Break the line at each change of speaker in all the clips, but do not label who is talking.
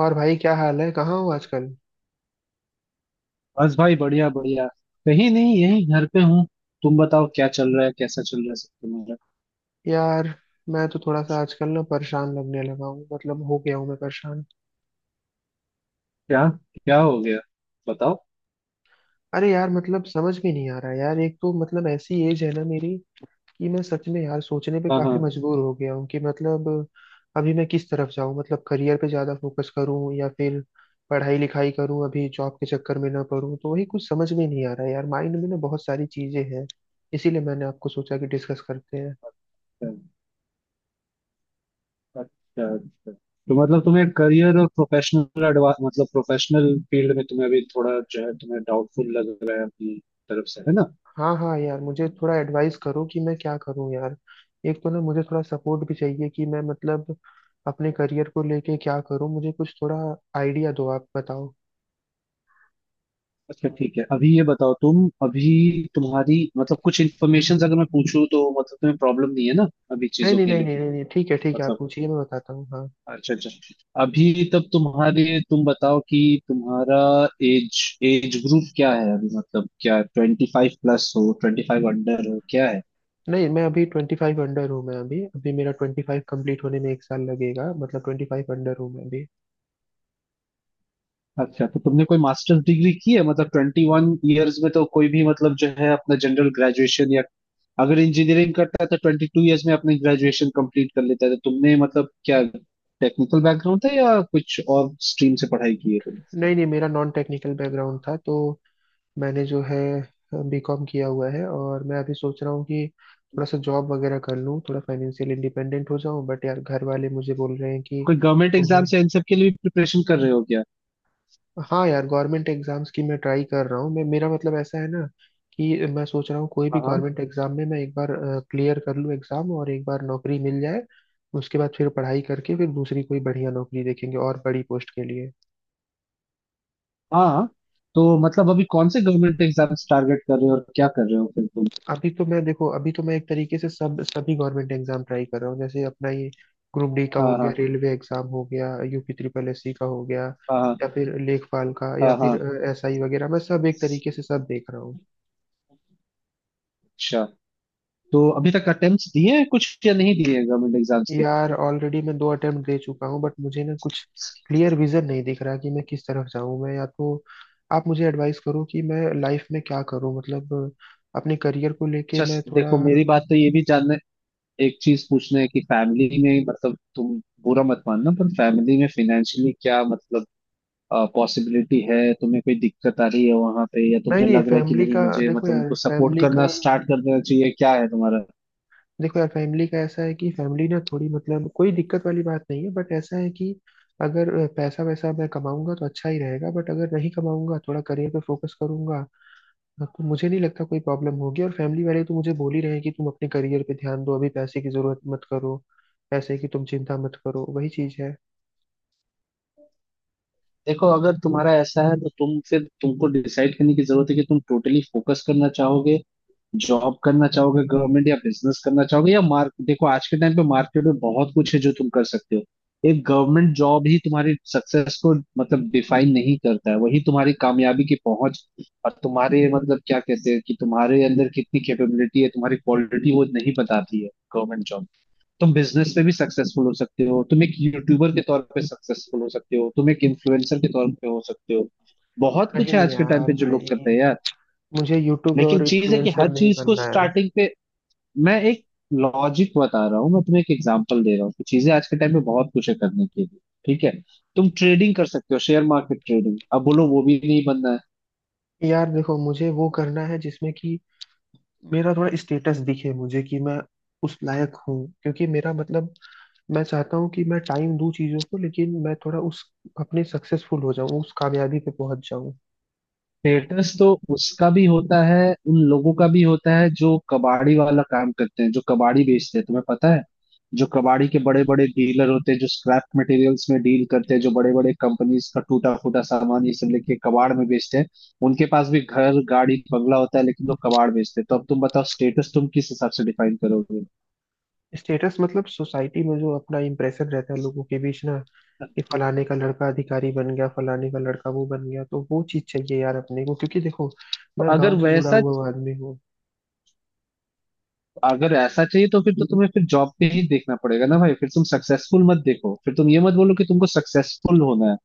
और भाई, क्या हाल है? कहाँ हो आजकल?
बस भाई, बढ़िया बढ़िया। कहीं नहीं, यही घर पे हूँ। तुम बताओ क्या चल रहा है, कैसा चल रहा है सब तुम्हारा।
यार, मैं तो थोड़ा सा आजकल ना परेशान लगने लगा हूँ, मतलब हो गया हूँ मैं परेशान।
क्या? क्या हो गया? बताओ।
अरे यार, मतलब समझ में नहीं आ रहा यार। एक तो मतलब ऐसी एज है ना मेरी, कि मैं सच में यार सोचने पे
हाँ
काफी
हाँ।
मजबूर हो गया हूँ कि मतलब अभी मैं किस तरफ जाऊँ। मतलब करियर पे ज्यादा फोकस करूँ या फिर पढ़ाई लिखाई करूँ, अभी जॉब के चक्कर में ना पड़ूँ, तो वही कुछ समझ में नहीं आ रहा यार। माइंड में ना बहुत सारी चीजें हैं, इसीलिए मैंने आपको सोचा कि डिस्कस करते हैं।
अच्छा। अच्छा अच्छा, तो मतलब तुम्हें करियर और प्रोफेशनल एडवांस मतलब प्रोफेशनल फील्ड में तुम्हें अभी थोड़ा जो है तुम्हें डाउटफुल लग रहा है अपनी तरफ से, है ना?
हाँ हाँ यार, मुझे थोड़ा एडवाइस करो कि मैं क्या करूँ यार। एक तो ना मुझे थोड़ा सपोर्ट भी चाहिए कि मैं मतलब अपने करियर को लेके क्या करूँ। मुझे कुछ थोड़ा आइडिया दो, आप बताओ।
अच्छा ठीक है, अभी ये बताओ, तुम अभी तुम्हारी मतलब कुछ इन्फॉर्मेशन अगर मैं पूछूं, तो मतलब तुम्हें प्रॉब्लम नहीं है ना अभी
नहीं
चीजों
नहीं
के
नहीं नहीं
लिए?
नहीं नहीं, ठीक है ठीक है, आप
मतलब
पूछिए, मैं बताता हूँ हाँ।
अच्छा अच्छा। अभी तब तुम बताओ कि तुम्हारा एज एज ग्रुप क्या है अभी, मतलब क्या 25 प्लस हो, 25 अंडर हो, क्या है?
नहीं, मैं अभी 25 अंडर हूँ। मैं अभी अभी मेरा 25 कम्प्लीट होने में एक साल लगेगा, मतलब 25 अंडर हूँ मैं अभी।
अच्छा, तो तुमने कोई मास्टर्स डिग्री की है? मतलब 21 ईयर्स में तो कोई भी मतलब जो है अपना जनरल ग्रेजुएशन, या अगर इंजीनियरिंग करता है तो 22 ईयर्स में अपनी ग्रेजुएशन कंप्लीट कर लेता है, तो तुमने मतलब क्या टेक्निकल बैकग्राउंड था, या कुछ और स्ट्रीम से पढ़ाई की है तुमने?
नहीं नहीं, मेरा नॉन टेक्निकल बैकग्राउंड था। तो मैंने जो है बीकॉम किया हुआ है, और मैं अभी सोच रहा हूँ कि थोड़ा सा जॉब वगैरह कर लूँ, थोड़ा फाइनेंशियल इंडिपेंडेंट हो जाऊँ, बट यार घर वाले मुझे बोल रहे हैं कि
कोई गवर्नमेंट एग्जाम
तुम्हें।
या इन सब के लिए प्रिपरेशन कर रहे हो क्या?
हाँ यार, गवर्नमेंट एग्जाम्स की मैं ट्राई कर रहा हूँ। मैं मेरा मतलब ऐसा है ना कि मैं सोच रहा हूँ कोई भी
हाँ
गवर्नमेंट एग्जाम में मैं एक बार क्लियर कर लूँ एग्जाम, और एक बार नौकरी मिल जाए, उसके बाद फिर पढ़ाई करके फिर दूसरी कोई बढ़िया नौकरी देखेंगे और बड़ी पोस्ट के लिए।
हाँ हाँ। तो मतलब अभी कौन से गवर्नमेंट एग्जाम्स टारगेट कर रहे हो और क्या कर रहे हो फिर तुम?
अभी तो मैं देखो अभी तो मैं एक तरीके से सब सभी गवर्नमेंट एग्जाम ट्राई कर रहा हूँ, जैसे अपना ये ग्रुप डी का हो
हाँ
गया,
हाँ
रेलवे एग्जाम हो गया, यूपी ट्रिपल एससी का हो गया, या
हाँ।
फिर लेखपाल का,
हाँ
या
हाँ
फिर
हाँ।
एसआई वगैरह। मैं सब एक तरीके से सब देख रहा हूँ।
अच्छा, तो अभी तक अटेम्प्ट्स दिए हैं कुछ या नहीं दिए हैं गवर्नमेंट एग्जाम्स के?
यार ऑलरेडी मैं 2 अटेम्प्ट दे चुका हूँ, बट मुझे ना कुछ क्लियर विजन नहीं दिख रहा कि मैं किस तरफ जाऊँ। मैं या तो आप मुझे एडवाइस करो कि मैं लाइफ में क्या करूँ, मतलब अपने करियर को लेके
अच्छा,
मैं थोड़ा।
देखो मेरी बात, तो ये भी जानना एक चीज पूछना है कि फैमिली में मतलब, तुम बुरा मत मानना, पर फैमिली में फाइनेंशियली क्या मतलब पॉसिबिलिटी है, तुम्हें कोई दिक्कत आ रही है वहां पे, या
नहीं
तुम्हें
नहीं,
लग रहा है कि
फैमिली
नहीं
का
मुझे
देखो
मतलब
यार
उनको सपोर्ट
फैमिली का
करना स्टार्ट कर देना चाहिए, क्या है?
देखो यार फैमिली का ऐसा है कि फैमिली ना थोड़ी, मतलब कोई दिक्कत वाली बात नहीं है, बट ऐसा है कि अगर पैसा वैसा मैं कमाऊंगा तो अच्छा ही रहेगा, बट अगर नहीं कमाऊंगा, थोड़ा करियर पे फोकस करूंगा तो मुझे नहीं लगता कोई प्रॉब्लम होगी। और फैमिली वाले तो मुझे बोल ही रहे हैं कि तुम अपने करियर पे ध्यान दो, अभी पैसे की जरूरत मत करो, पैसे की तुम चिंता मत करो, वही चीज है।
देखो, अगर तुम्हारा ऐसा है, तो तुम फिर तुमको डिसाइड करने की जरूरत है कि तुम टोटली फोकस करना चाहोगे, जॉब करना चाहोगे गवर्नमेंट, या बिजनेस करना चाहोगे, या मार्क देखो आज के टाइम पे मार्केट में बहुत कुछ है जो तुम कर सकते हो। एक गवर्नमेंट जॉब ही तुम्हारी सक्सेस को मतलब डिफाइन नहीं करता है, वही तुम्हारी कामयाबी की पहुंच और तुम्हारे मतलब क्या कहते हैं कि तुम्हारे अंदर कितनी कैपेबिलिटी है, तुम्हारी क्वालिटी वो नहीं बताती है गवर्नमेंट जॉब। तुम बिजनेस में भी सक्सेसफुल हो सकते हो, तुम एक यूट्यूबर के तौर पे सक्सेसफुल हो सकते हो, तुम एक इन्फ्लुएंसर के तौर पे हो सकते हो। बहुत कुछ है
नहीं
आज के टाइम
यार
पे जो लोग
भाई,
करते हैं यार।
मुझे यूट्यूब
लेकिन
और
चीज है कि
इन्फ्लुएंसर
हर
नहीं
चीज को
बनना है।
स्टार्टिंग पे मैं एक लॉजिक बता रहा हूँ, मैं तुम्हें एक एग्जांपल दे रहा हूँ कि चीजें आज के टाइम में बहुत कुछ है करने के लिए। ठीक है, तुम ट्रेडिंग कर सकते हो, शेयर मार्केट ट्रेडिंग। अब बोलो वो भी नहीं बनना है।
यार देखो, मुझे वो करना है जिसमें कि मेरा थोड़ा स्टेटस दिखे, मुझे कि मैं उस लायक हूँ, क्योंकि मेरा मतलब मैं चाहता हूँ कि मैं टाइम दूं चीजों को, लेकिन मैं थोड़ा उस अपने सक्सेसफुल हो जाऊं, उस कामयाबी पे पहुंच जाऊं।
स्टेटस तो उसका भी होता है, उन लोगों का भी होता है जो कबाड़ी वाला काम करते हैं, जो कबाड़ी बेचते हैं, तुम्हें पता है? जो कबाड़ी के बड़े बड़े डीलर होते हैं, जो स्क्रैप मटेरियल्स में डील करते हैं, जो बड़े बड़े कंपनीज का टूटा फूटा सामान ये सब लेके कबाड़ में बेचते हैं, उनके पास भी घर गाड़ी बंगला होता है, लेकिन वो कबाड़ बेचते हैं। तो अब तुम बताओ स्टेटस तुम किस हिसाब से डिफाइन करोगे?
स्टेटस मतलब सोसाइटी में जो अपना इम्प्रेशन रहता है लोगों के बीच ना, कि फलाने का लड़का अधिकारी बन गया, फलाने का लड़का वो बन गया, तो वो चीज चाहिए यार अपने को, क्योंकि देखो,
तो
मैं
अगर
गांव से जुड़ा
वैसा
हुआ आदमी हूँ।
अगर ऐसा चाहिए, तो फिर तो तुम्हें फिर जॉब पे ही देखना पड़ेगा ना भाई। फिर तुम सक्सेसफुल मत देखो, फिर तुम ये मत बोलो कि तुमको सक्सेसफुल होना है।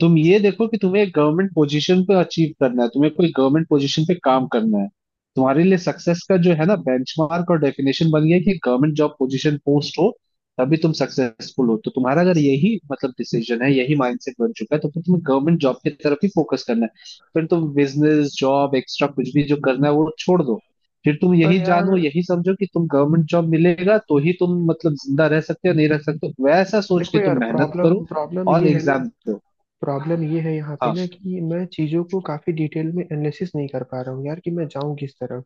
तुम ये देखो कि तुम्हें एक गवर्नमेंट पोजीशन पे अचीव करना है, तुम्हें कोई गवर्नमेंट पोजीशन पे काम करना है। तुम्हारे लिए सक्सेस का जो है ना बेंचमार्क और डेफिनेशन बन गया है कि गवर्नमेंट जॉब पोजीशन पोस्ट हो तभी तुम सक्सेसफुल हो, तो तुम्हारा अगर यही मतलब डिसीजन है, यही माइंडसेट बन चुका है, तो फिर तुम्हें गवर्नमेंट जॉब की तरफ ही फोकस करना है। फिर तुम बिजनेस जॉब एक्स्ट्रा कुछ भी जो करना है वो छोड़ दो। फिर तुम
पर
यही
यार
जानो यही समझो कि तुम गवर्नमेंट जॉब मिलेगा तो ही तुम मतलब जिंदा रह सकते हो, नहीं रह सकते हो, वैसा सोच
देखो
के
यार,
तुम मेहनत करो
प्रॉब्लम प्रॉब्लम
और
ये है ना,
एग्जाम दो।
प्रॉब्लम ये है यहाँ पे
हाँ।
ना, कि मैं चीज़ों को काफ़ी डिटेल में एनालिसिस नहीं कर पा रहा हूँ यार, कि मैं जाऊँ किस तरफ।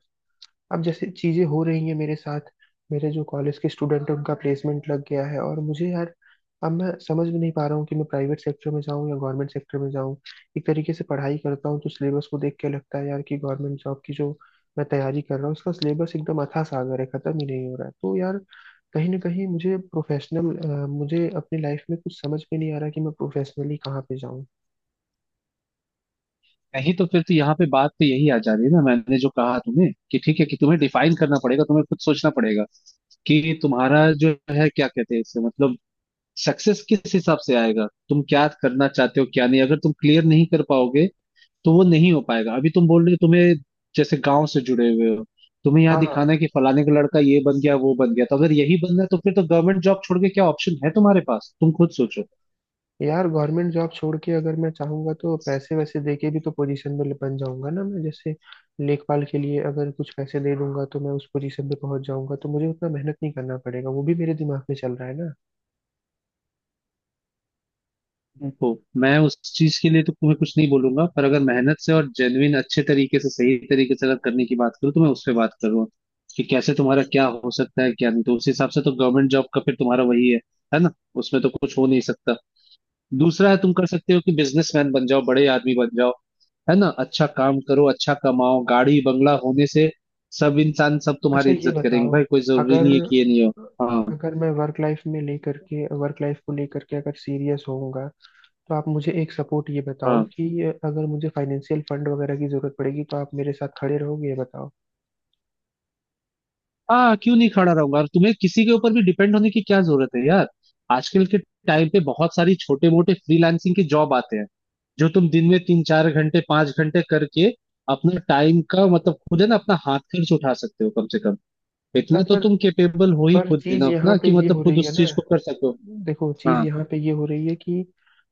अब जैसे चीज़ें हो रही हैं मेरे साथ, मेरे जो कॉलेज के स्टूडेंट हैं उनका प्लेसमेंट लग गया है, और मुझे यार अब मैं समझ भी नहीं पा रहा हूँ कि मैं प्राइवेट सेक्टर में जाऊँ या गवर्नमेंट सेक्टर में जाऊँ। एक तरीके से पढ़ाई करता हूँ तो सिलेबस को देख के लगता है यार कि गवर्नमेंट जॉब की जो मैं तैयारी कर रहा हूँ उसका सिलेबस एकदम अथाह सागर है, ख़त्म ही नहीं हो रहा है। तो यार कहीं ना कहीं मुझे अपनी लाइफ में कुछ समझ में नहीं आ रहा कि मैं प्रोफेशनली कहाँ पे जाऊँ।
नहीं, तो फिर तो यहाँ पे बात तो यही आ जा रही है ना, मैंने जो कहा तुम्हें कि ठीक है कि तुम्हें डिफाइन करना पड़ेगा, तुम्हें खुद सोचना पड़ेगा कि तुम्हारा जो है क्या कहते हैं इससे मतलब सक्सेस किस हिसाब से आएगा, तुम क्या करना चाहते हो क्या नहीं। अगर तुम क्लियर नहीं कर पाओगे तो वो नहीं हो पाएगा। अभी तुम बोल रहे हो तुम्हें जैसे गांव से जुड़े हुए हो, तुम्हें यहाँ
हाँ हाँ।
दिखाना है कि फलाने का लड़का ये बन गया वो बन गया, तो अगर यही बनना है, तो फिर तो गवर्नमेंट जॉब छोड़ के क्या ऑप्शन है तुम्हारे पास, तुम खुद सोचो।
यार, गवर्नमेंट जॉब छोड़ के अगर मैं चाहूंगा तो पैसे वैसे दे के भी तो पोजीशन में बन जाऊंगा ना मैं, जैसे लेखपाल के लिए अगर कुछ पैसे दे दूंगा तो मैं उस पोजीशन पे पहुंच जाऊंगा, तो मुझे उतना मेहनत नहीं करना पड़ेगा, वो भी मेरे दिमाग में चल रहा है ना।
हम्म। तो मैं उस चीज के लिए तो तुम्हें कुछ नहीं बोलूंगा, पर अगर मेहनत से और जेन्युइन अच्छे तरीके से सही तरीके से अगर करने की बात करूँ, तो मैं उस पर बात कर रहा हूँ कि कैसे तुम्हारा क्या हो सकता है क्या नहीं। तो उस हिसाब से तो गवर्नमेंट जॉब का फिर तुम्हारा वही है ना? उसमें तो कुछ हो नहीं सकता। दूसरा है तुम कर सकते हो कि बिजनेसमैन बन जाओ, बड़े आदमी बन जाओ, है ना? अच्छा काम करो, अच्छा कमाओ। गाड़ी बंगला होने से सब इंसान सब
अच्छा
तुम्हारी
ये
इज्जत करेंगे
बताओ,
भाई, कोई जरूरी
अगर
नहीं है कि ये नहीं हो। हाँ।
अगर मैं वर्क लाइफ को लेकर के अगर सीरियस होऊंगा, तो आप मुझे एक सपोर्ट ये बताओ
हाँ,
कि अगर मुझे फाइनेंशियल फंड वगैरह की जरूरत पड़ेगी तो आप मेरे साथ खड़े रहोगे, ये बताओ।
हाँ क्यों नहीं खड़ा रहूंगा, और तुम्हें किसी के ऊपर भी डिपेंड होने की क्या जरूरत है यार। आजकल के टाइम पे बहुत सारी छोटे मोटे फ्रीलांसिंग के जॉब आते हैं, जो तुम दिन में 3 4 घंटे 5 घंटे करके अपना टाइम का मतलब खुद, है ना, अपना हाथ खर्च उठा सकते हो कम से कम। इतना
यार
तो
पर
तुम कैपेबल हो ही,
पर
खुद
चीज
इनफ
यहाँ
ना
पे
कि
ये
मतलब
हो
खुद
रही है
उस चीज
ना,
को कर सको।
देखो चीज
हाँ
यहाँ पे ये हो रही है कि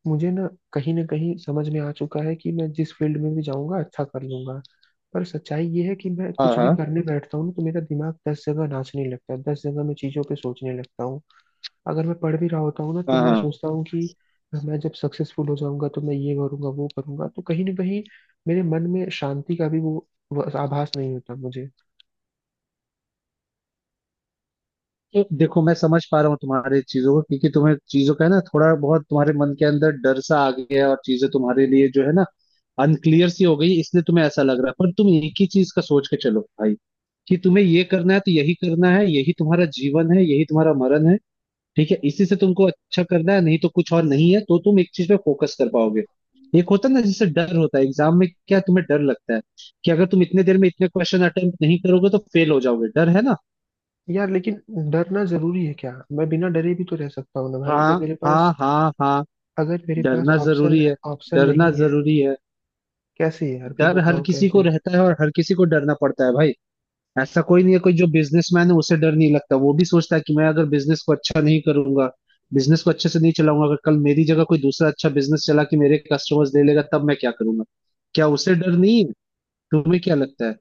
मुझे ना कहीं समझ में आ चुका है कि मैं जिस फील्ड में भी जाऊंगा अच्छा कर लूंगा। पर सच्चाई ये है कि मैं
हाँ।
कुछ भी
हाँ
करने बैठता हूँ ना तो मेरा दिमाग 10 जगह नाचने लगता है, 10 जगह मैं चीजों पे सोचने लगता हूँ। अगर मैं पढ़ भी रहा होता हूँ ना तो
हाँ
मैं
हाँ।
सोचता हूँ कि मैं जब सक्सेसफुल हो जाऊंगा तो मैं ये करूंगा वो करूंगा, तो कहीं ना कहीं मेरे मन में शांति का भी वो आभास नहीं होता मुझे।
तो देखो, मैं समझ पा रहा हूँ तुम्हारे चीजों को, क्योंकि तुम्हें चीजों का, है ना, थोड़ा बहुत तुम्हारे मन के अंदर डर सा आ गया है और चीजें तुम्हारे लिए जो है ना अनक्लियर सी हो गई, इसलिए तुम्हें ऐसा लग रहा है। पर तुम एक ही चीज का सोच के चलो भाई कि तुम्हें ये करना है तो यही करना है, यही तुम्हारा जीवन है, यही तुम्हारा मरण है। ठीक है, इसी से तुमको अच्छा करना है, नहीं तो कुछ और नहीं है, तो तुम एक चीज पे फोकस कर पाओगे। एक होता है ना, जैसे डर होता है एग्जाम में, क्या तुम्हें डर लगता है कि अगर तुम इतने देर में इतने क्वेश्चन अटेम्प्ट नहीं करोगे तो फेल हो जाओगे, डर है ना?
यार लेकिन डरना जरूरी है क्या? मैं बिना डरे भी तो रह सकता हूँ ना भाई।
हाँ
जब मेरे
हाँ
पास
हाँ हाँ।
अगर मेरे पास
डरना
ऑप्शन
जरूरी है।
ऑप्शन
डरना
नहीं है,
जरूरी है।
कैसे यार? फिर
डर हर
बताओ
किसी को
कैसे।
रहता है और हर किसी को डरना पड़ता है भाई। ऐसा कोई नहीं है, कोई जो बिजनेसमैन है उसे डर नहीं लगता, वो भी सोचता है कि मैं अगर बिजनेस को अच्छा नहीं करूंगा, बिजनेस को अच्छे से नहीं चलाऊंगा, अगर कल मेरी जगह कोई दूसरा अच्छा बिजनेस चला के मेरे कस्टमर्स ले लेगा तब मैं क्या करूंगा, क्या उसे डर नहीं है? तुम्हें क्या लगता है?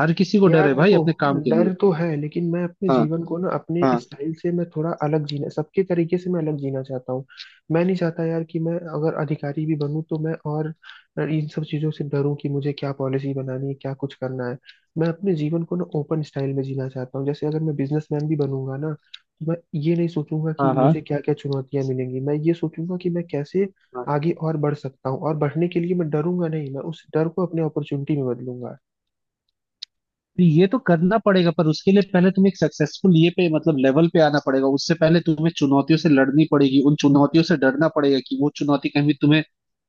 हर किसी को डर
यार
है भाई
देखो,
अपने काम के लिए।
डर तो है, लेकिन मैं अपने
हाँ
जीवन को ना अपने
हाँ।
स्टाइल से, मैं थोड़ा अलग जीना, सबके तरीके से मैं अलग जीना चाहता हूँ। मैं नहीं चाहता यार कि मैं अगर अधिकारी भी बनूँ तो मैं और इन सब चीज़ों से डरूं कि मुझे क्या पॉलिसी बनानी है, क्या कुछ करना है। मैं अपने जीवन को ना ओपन स्टाइल में जीना चाहता हूँ, जैसे अगर मैं बिजनेसमैन भी बनूंगा ना तो मैं ये नहीं सोचूंगा कि
हाँ हाँ
मुझे क्या क्या चुनौतियां मिलेंगी, मैं ये सोचूंगा कि मैं कैसे
हाँ।
आगे और बढ़ सकता हूँ, और बढ़ने के लिए मैं डरूंगा नहीं, मैं उस डर को अपने अपॉर्चुनिटी में बदलूंगा।
तो ये तो करना पड़ेगा, पर उसके लिए पहले तुम्हें एक सक्सेसफुल ये पे मतलब लेवल पे आना पड़ेगा, उससे पहले तुम्हें चुनौतियों से लड़नी पड़ेगी, उन चुनौतियों से डरना पड़ेगा कि वो चुनौती कहीं भी तुम्हें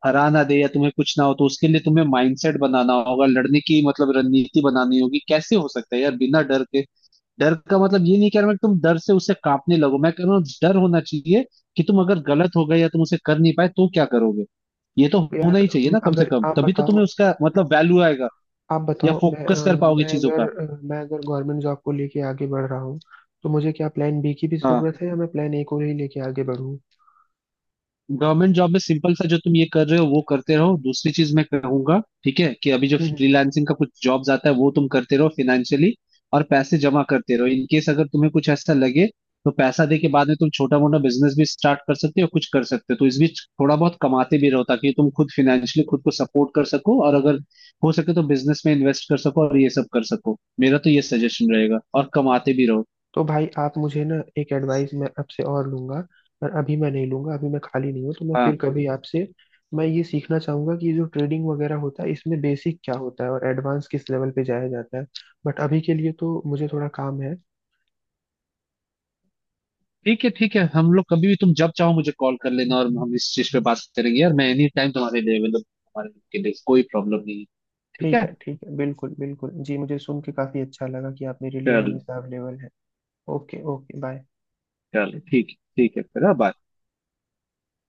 हरा ना दे या तुम्हें कुछ ना हो, तो उसके लिए तुम्हें माइंडसेट बनाना होगा, लड़ने की मतलब रणनीति बनानी होगी। कैसे हो सकता है यार बिना डर के? डर का मतलब ये नहीं कह रहा मैं कि तुम डर से उससे कांपने लगो, मैं कह रहा हूँ डर होना चाहिए कि तुम अगर गलत हो गए या तुम उसे कर नहीं पाए तो क्या करोगे, ये तो होना
यार,
ही चाहिए ना कम से
अगर
कम,
आप
तभी तो तुम्हें
बताओ,
उसका मतलब वैल्यू आएगा या फोकस कर पाओगे चीजों का।
मैं अगर गवर्नमेंट जॉब को लेके आगे बढ़ रहा हूँ, तो मुझे क्या प्लान बी की भी
हाँ,
जरूरत है या मैं प्लान ए को ही लेके आगे बढ़ूँ?
गवर्नमेंट जॉब में सिंपल सा जो तुम ये कर रहे हो वो करते रहो। दूसरी चीज मैं कहूंगा ठीक है, कि अभी जो
हम्म।
फ्रीलांसिंग का कुछ जॉब्स आता है वो तुम करते रहो, फाइनेंशियली और पैसे जमा करते रहो, इन केस अगर तुम्हें कुछ ऐसा लगे तो पैसा दे के बाद में तुम छोटा मोटा बिजनेस भी स्टार्ट कर सकते हो, कुछ कर सकते हो। तो इस बीच थोड़ा बहुत कमाते भी रहो ताकि तुम खुद फाइनेंशियली खुद को सपोर्ट कर सको, और अगर हो सके तो बिजनेस में इन्वेस्ट कर सको और ये सब कर सको, मेरा तो ये सजेशन रहेगा, और कमाते भी रहो।
तो भाई, आप मुझे ना एक एडवाइस मैं आपसे और लूंगा, पर अभी मैं नहीं लूंगा, अभी मैं खाली नहीं हूँ, तो मैं फिर
हाँ
कभी आपसे मैं ये सीखना चाहूंगा कि ये जो ट्रेडिंग वगैरह होता है इसमें बेसिक क्या होता है और एडवांस किस लेवल पे जाया जाता है। बट अभी के लिए तो मुझे थोड़ा काम है।
ठीक है ठीक है, हम लोग कभी भी तुम जब चाहो मुझे कॉल कर लेना और हम इस चीज पे बात करेंगे यार। मैं एनी टाइम तुम्हारे लिए अवेलेबल, हमारे के लिए कोई प्रॉब्लम नहीं है। ठीक
ठीक
है।
है ठीक है, बिल्कुल बिल्कुल जी, मुझे सुन के काफी अच्छा लगा कि आप मेरे लिए
चलो।
हमेशा अवेलेबल हैं। Okay okay, bye.
चलो ठीक है ठीक है, फिर बाय।